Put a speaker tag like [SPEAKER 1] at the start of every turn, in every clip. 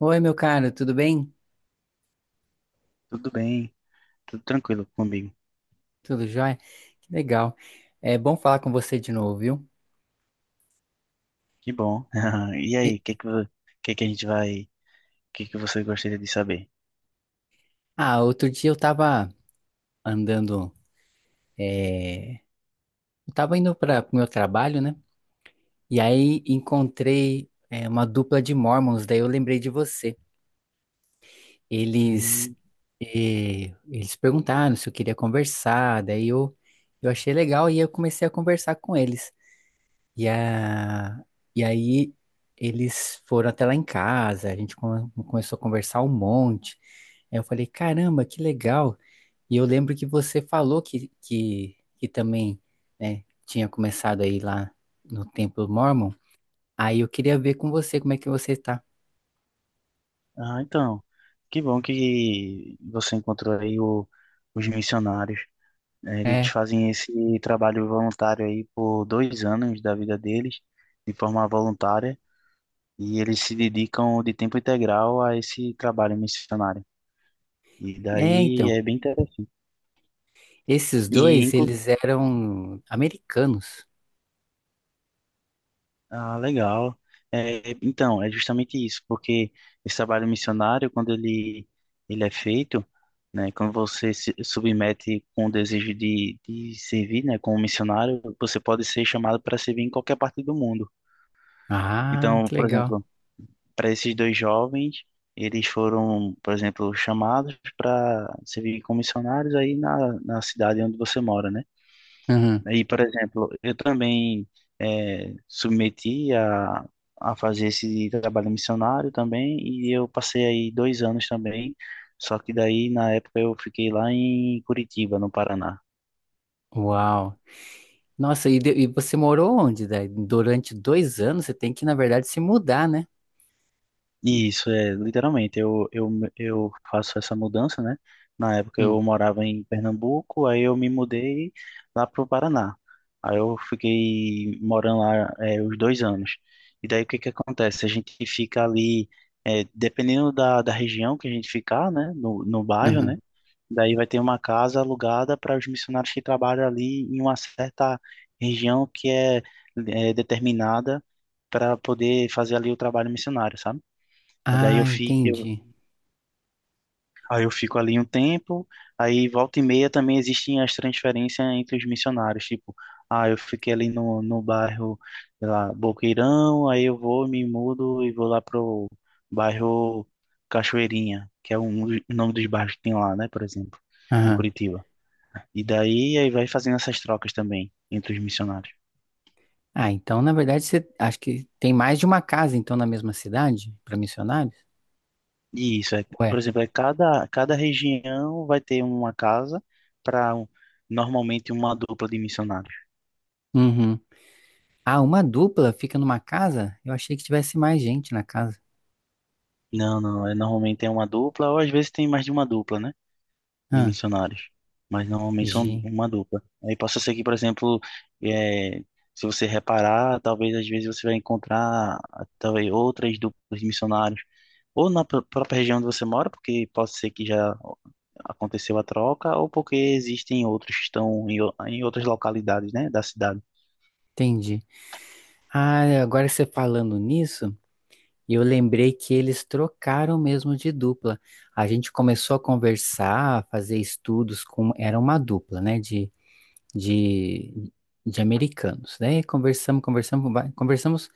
[SPEAKER 1] Oi, meu caro, tudo bem?
[SPEAKER 2] Tudo bem, tudo tranquilo comigo.
[SPEAKER 1] Tudo jóia? Que legal. É bom falar com você de novo, viu?
[SPEAKER 2] Que bom. E aí,
[SPEAKER 1] E-
[SPEAKER 2] o que que, que a gente vai, o que que você gostaria de saber?
[SPEAKER 1] ah, outro dia eu tava andando, é, eu tava indo para o meu trabalho, né? E aí encontrei, uma dupla de Mormons, daí eu lembrei de você. Eles,
[SPEAKER 2] Hum,
[SPEAKER 1] eles perguntaram se eu queria conversar, daí eu achei legal e eu comecei a conversar com eles. E, a... e aí eles foram até lá em casa, a gente começou a conversar um monte. Aí eu falei, caramba, que legal. E eu lembro que você falou que também, né, tinha começado aí lá no Templo Mormon. Aí eu queria ver com você como é que você tá.
[SPEAKER 2] ah, então, que bom que você encontrou aí os missionários. Eles
[SPEAKER 1] É,
[SPEAKER 2] fazem esse trabalho voluntário aí por dois anos da vida deles, de forma voluntária, e eles se dedicam de tempo integral a esse trabalho missionário. E
[SPEAKER 1] é,
[SPEAKER 2] daí
[SPEAKER 1] então.
[SPEAKER 2] é bem interessante.
[SPEAKER 1] Esses dois,
[SPEAKER 2] E,
[SPEAKER 1] eles eram americanos.
[SPEAKER 2] ah, legal. É, então, é justamente isso, porque esse trabalho missionário, ele é feito, né, quando você se submete com o desejo de servir, né, como missionário, você pode ser chamado para servir em qualquer parte do mundo.
[SPEAKER 1] Ah,
[SPEAKER 2] Então,
[SPEAKER 1] que
[SPEAKER 2] por
[SPEAKER 1] legal.
[SPEAKER 2] exemplo, para esses dois jovens, eles foram, por exemplo, chamados para servir como missionários aí na cidade onde você mora, né?
[SPEAKER 1] Uhum.
[SPEAKER 2] Aí, por exemplo, eu também submeti a fazer esse trabalho missionário também, e eu passei aí dois anos também, só que daí na época eu fiquei lá em Curitiba, no Paraná.
[SPEAKER 1] Uau. Nossa, e você morou onde, daí? Durante 2 anos você tem que, na verdade, se mudar, né?
[SPEAKER 2] Isso, é, literalmente, eu faço essa mudança, né? Na época eu
[SPEAKER 1] Hum,
[SPEAKER 2] morava em Pernambuco, aí eu me mudei lá pro Paraná. Aí eu fiquei morando lá, é, os dois anos. E daí o que que acontece? A gente fica ali, é, dependendo da região que a gente ficar, né? No bairro, né?
[SPEAKER 1] aham.
[SPEAKER 2] Daí vai ter uma casa alugada para os missionários que trabalham ali em uma certa região que é, é determinada para poder fazer ali o trabalho missionário, sabe? E Daí
[SPEAKER 1] Ah,
[SPEAKER 2] eu fico, eu,
[SPEAKER 1] entendi.
[SPEAKER 2] Aí eu fico ali um tempo, aí volta e meia também existem as transferências entre os missionários, tipo, ah, eu fiquei ali no bairro, sei lá, Boqueirão, aí eu vou, me mudo e vou lá pro bairro Cachoeirinha, que é o nome dos bairros que tem lá, né, por exemplo, em
[SPEAKER 1] Aham.
[SPEAKER 2] Curitiba. E daí aí vai fazendo essas trocas também entre os missionários.
[SPEAKER 1] Ah, então, na verdade, você acho que tem mais de uma casa, então, na mesma cidade, para missionários?
[SPEAKER 2] E isso é,
[SPEAKER 1] Ué.
[SPEAKER 2] por exemplo, é cada região vai ter uma casa para normalmente uma dupla de missionários.
[SPEAKER 1] Uhum. Ah, uma dupla fica numa casa? Eu achei que tivesse mais gente na casa.
[SPEAKER 2] Não, não. É, normalmente é uma dupla, ou às vezes tem mais de uma dupla, né? De
[SPEAKER 1] Ah,
[SPEAKER 2] missionários. Mas normalmente são
[SPEAKER 1] gente,
[SPEAKER 2] uma dupla. Aí possa ser que, por exemplo, é, se você reparar, talvez às vezes você vai encontrar ah, talvez outras duplas de missionários. Ou na própria região onde você mora, porque pode ser que já aconteceu a troca, ou porque existem outros que estão em, em outras localidades, né, da cidade.
[SPEAKER 1] entendi. Ah, agora você falando nisso. E eu lembrei que eles trocaram mesmo de dupla. A gente começou a conversar, a fazer estudos com. Era uma dupla, né? De, de americanos. Daí conversamos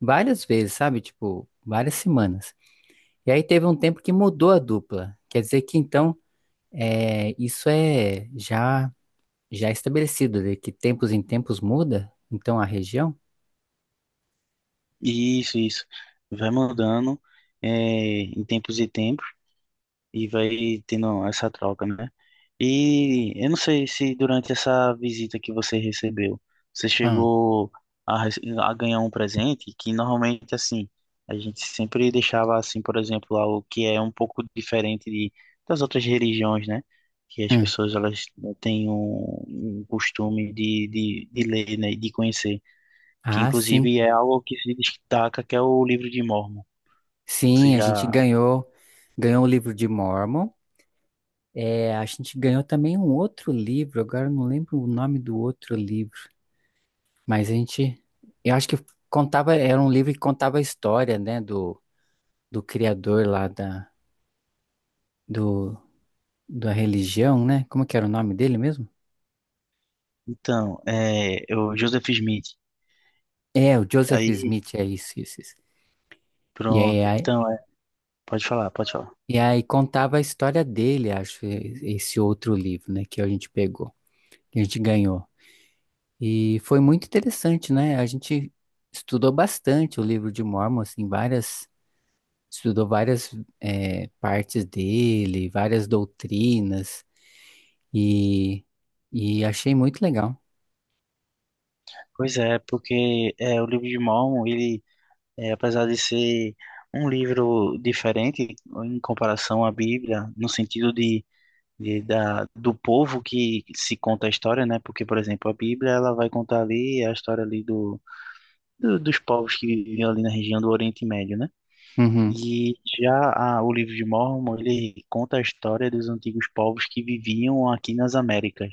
[SPEAKER 1] várias vezes, sabe? Tipo, várias semanas. E aí teve um tempo que mudou a dupla. Quer dizer que então, isso é já estabelecido, de que tempos em tempos muda, então a região?
[SPEAKER 2] Isso, isso. Vai mudando, é, em tempos e tempos. E vai tendo essa troca, né? E eu não sei se durante essa visita que você recebeu, você
[SPEAKER 1] Hum,
[SPEAKER 2] chegou a, a ganhar um presente que normalmente assim, a gente sempre deixava assim, por exemplo, algo que é um pouco diferente de, das outras religiões, né? Que as
[SPEAKER 1] hum.
[SPEAKER 2] pessoas elas têm um costume de ler, né? E de conhecer, que
[SPEAKER 1] Ah, sim.
[SPEAKER 2] inclusive é algo que se destaca, que é o livro de Mórmon. Você
[SPEAKER 1] Sim, a gente
[SPEAKER 2] já
[SPEAKER 1] ganhou o livro de Mormon. É, a gente ganhou também um outro livro, agora eu não lembro o nome do outro livro, mas eu acho que contava, era um livro que contava a história, né, do criador lá do, da religião, né? Como que era o nome dele mesmo?
[SPEAKER 2] então, é, é o Joseph Smith.
[SPEAKER 1] É, o Joseph
[SPEAKER 2] Aí,
[SPEAKER 1] Smith, é isso, isso, isso. E aí,
[SPEAKER 2] pronto.
[SPEAKER 1] aí-
[SPEAKER 2] Então, é, pode falar, pode falar.
[SPEAKER 1] e aí contava a história dele, acho, esse outro livro, né, que a gente pegou, que a gente ganhou. E foi muito interessante, né? A gente estudou bastante o livro de Mormon, assim, estudou várias partes dele, várias doutrinas, e, e achei muito legal.
[SPEAKER 2] Pois é, porque é, o livro de Mormon, ele, é, apesar de ser um livro diferente em comparação à Bíblia, no sentido de, do povo que se conta a história, né? Porque, por exemplo, a Bíblia, ela vai contar ali a história ali do, dos povos que viviam ali na região do Oriente Médio, né?
[SPEAKER 1] Uhum.
[SPEAKER 2] E já o livro de Mormon, ele conta a história dos antigos povos que viviam aqui nas Américas.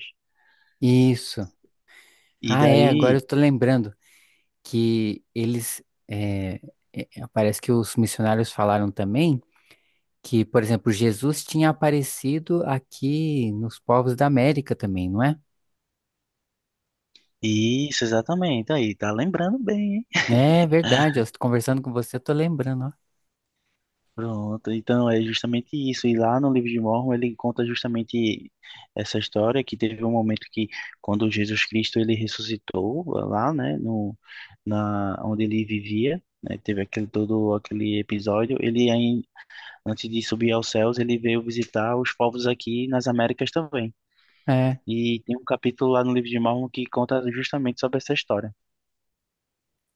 [SPEAKER 1] Isso.
[SPEAKER 2] E
[SPEAKER 1] Ah, é, agora eu
[SPEAKER 2] daí
[SPEAKER 1] tô lembrando que eles, eh, eh, eh, parece que os missionários falaram também que, por exemplo, Jesus tinha aparecido aqui nos povos da América também, não é?
[SPEAKER 2] isso, exatamente. Aí, tá lembrando bem, hein?
[SPEAKER 1] É verdade, eu tô conversando com você, eu tô lembrando.
[SPEAKER 2] Pronto. Então, é justamente isso. E lá no livro de Mormon, ele conta justamente essa história que teve um momento que, quando Jesus Cristo ele ressuscitou lá, né, no na onde ele vivia, né, teve aquele todo aquele episódio, ele aí, antes de subir aos céus, ele veio visitar os povos aqui nas Américas também.
[SPEAKER 1] É.
[SPEAKER 2] E tem um capítulo lá no livro de Mormon que conta justamente sobre essa história.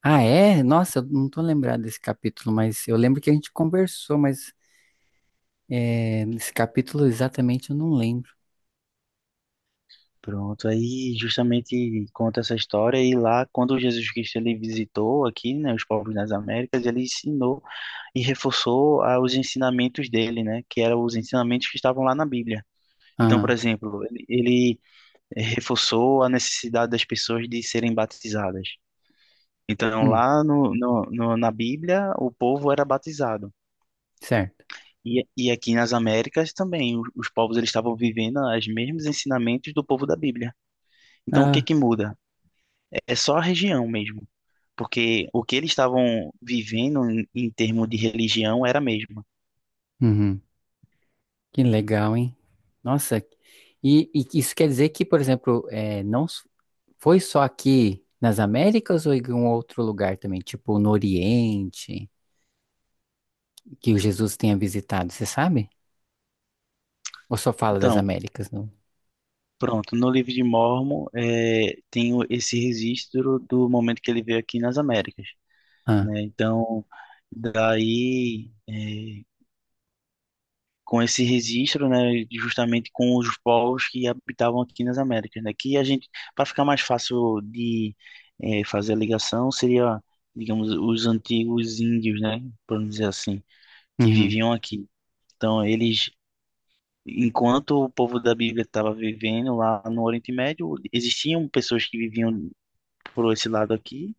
[SPEAKER 1] Ah, é? Nossa, eu não tô lembrado desse capítulo, mas eu lembro que a gente conversou, mas nesse capítulo exatamente eu não lembro.
[SPEAKER 2] Pronto, aí justamente conta essa história e lá quando Jesus Cristo ele visitou aqui, né, os povos nas Américas, ele ensinou e reforçou ah, os ensinamentos dele, né, que eram os ensinamentos que estavam lá na Bíblia. Então, por
[SPEAKER 1] Ah,
[SPEAKER 2] exemplo, ele reforçou a necessidade das pessoas de serem batizadas. Então,
[SPEAKER 1] hum,
[SPEAKER 2] lá na Bíblia, o povo era batizado.
[SPEAKER 1] certo.
[SPEAKER 2] E aqui nas Américas também, os povos eles estavam vivendo os mesmos ensinamentos do povo da Bíblia. Então, o que
[SPEAKER 1] Ah,
[SPEAKER 2] que muda? É só a região mesmo, porque o que eles estavam vivendo em termos de religião era a mesma.
[SPEAKER 1] uhum. Que legal, hein? Nossa, e isso quer dizer que, por exemplo, é, não s- foi só aqui nas Américas ou em algum outro lugar também, tipo no Oriente, que o Jesus tenha visitado, você sabe? Ou só fala das
[SPEAKER 2] Então,
[SPEAKER 1] Américas, não?
[SPEAKER 2] pronto, no livro de Mormon é, tem esse registro do momento que ele veio aqui nas Américas,
[SPEAKER 1] Ah,
[SPEAKER 2] né? Então, daí, é, com esse registro, né, justamente com os povos que habitavam aqui nas Américas, né? Que a gente, para ficar mais fácil de é, fazer a ligação, seria, digamos, os antigos índios, né? Podemos dizer assim, que
[SPEAKER 1] uhum.
[SPEAKER 2] viviam aqui. Então, eles, enquanto o povo da Bíblia estava vivendo lá no Oriente Médio, existiam pessoas que viviam por esse lado aqui,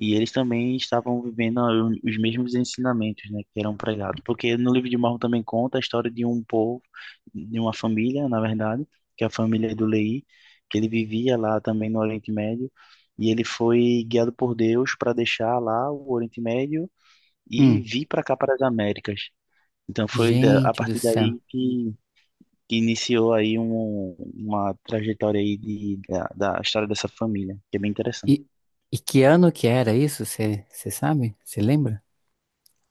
[SPEAKER 2] e eles também estavam vivendo os mesmos ensinamentos, né, que eram pregados. Porque no livro de Mormon também conta a história de um povo, de uma família, na verdade, que é a família do Leí, que ele vivia lá também no Oriente Médio, e ele foi guiado por Deus para deixar lá o Oriente Médio e
[SPEAKER 1] Hum.
[SPEAKER 2] vir para cá, para as Américas. Então foi a
[SPEAKER 1] Gente do
[SPEAKER 2] partir
[SPEAKER 1] céu.
[SPEAKER 2] daí que iniciou aí um, uma trajetória aí de, da história dessa família, que é bem interessante.
[SPEAKER 1] E, e que ano que era isso? Você sabe? Você lembra?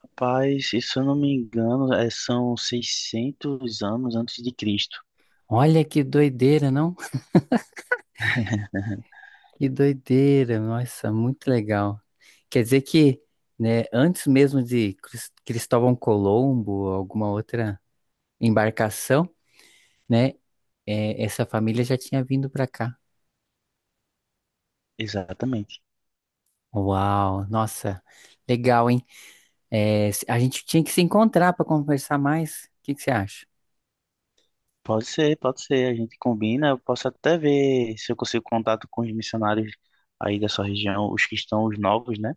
[SPEAKER 2] Rapaz, se eu não me engano, é, são 600 anos antes de Cristo.
[SPEAKER 1] Olha que doideira, não? Que doideira, nossa, muito legal. Quer dizer que, né, antes mesmo de Cristóvão Colombo ou alguma outra embarcação, né, essa família já tinha vindo para cá.
[SPEAKER 2] Exatamente.
[SPEAKER 1] Uau, nossa, legal, hein? É, a gente tinha que se encontrar para conversar mais. O que que você acha?
[SPEAKER 2] Pode ser, pode ser. A gente combina. Eu posso até ver se eu consigo contato com os missionários aí da sua região, os que estão os novos, né?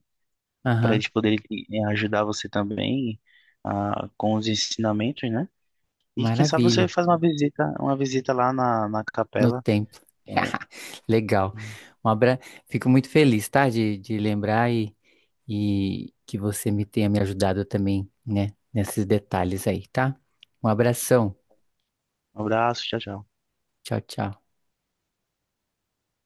[SPEAKER 2] Para
[SPEAKER 1] Aham,
[SPEAKER 2] eles poderem ajudar você também ah, com os ensinamentos, né? E quem sabe você
[SPEAKER 1] maravilha.
[SPEAKER 2] faz uma visita lá na, na
[SPEAKER 1] No
[SPEAKER 2] capela.
[SPEAKER 1] tempo. Legal.
[SPEAKER 2] Um
[SPEAKER 1] Um abra... Fico muito feliz, tá? De lembrar e que você me tenha me ajudado também, né? Nesses detalhes aí, tá? Um abração.
[SPEAKER 2] abraço, tchau, tchau.
[SPEAKER 1] Tchau, tchau.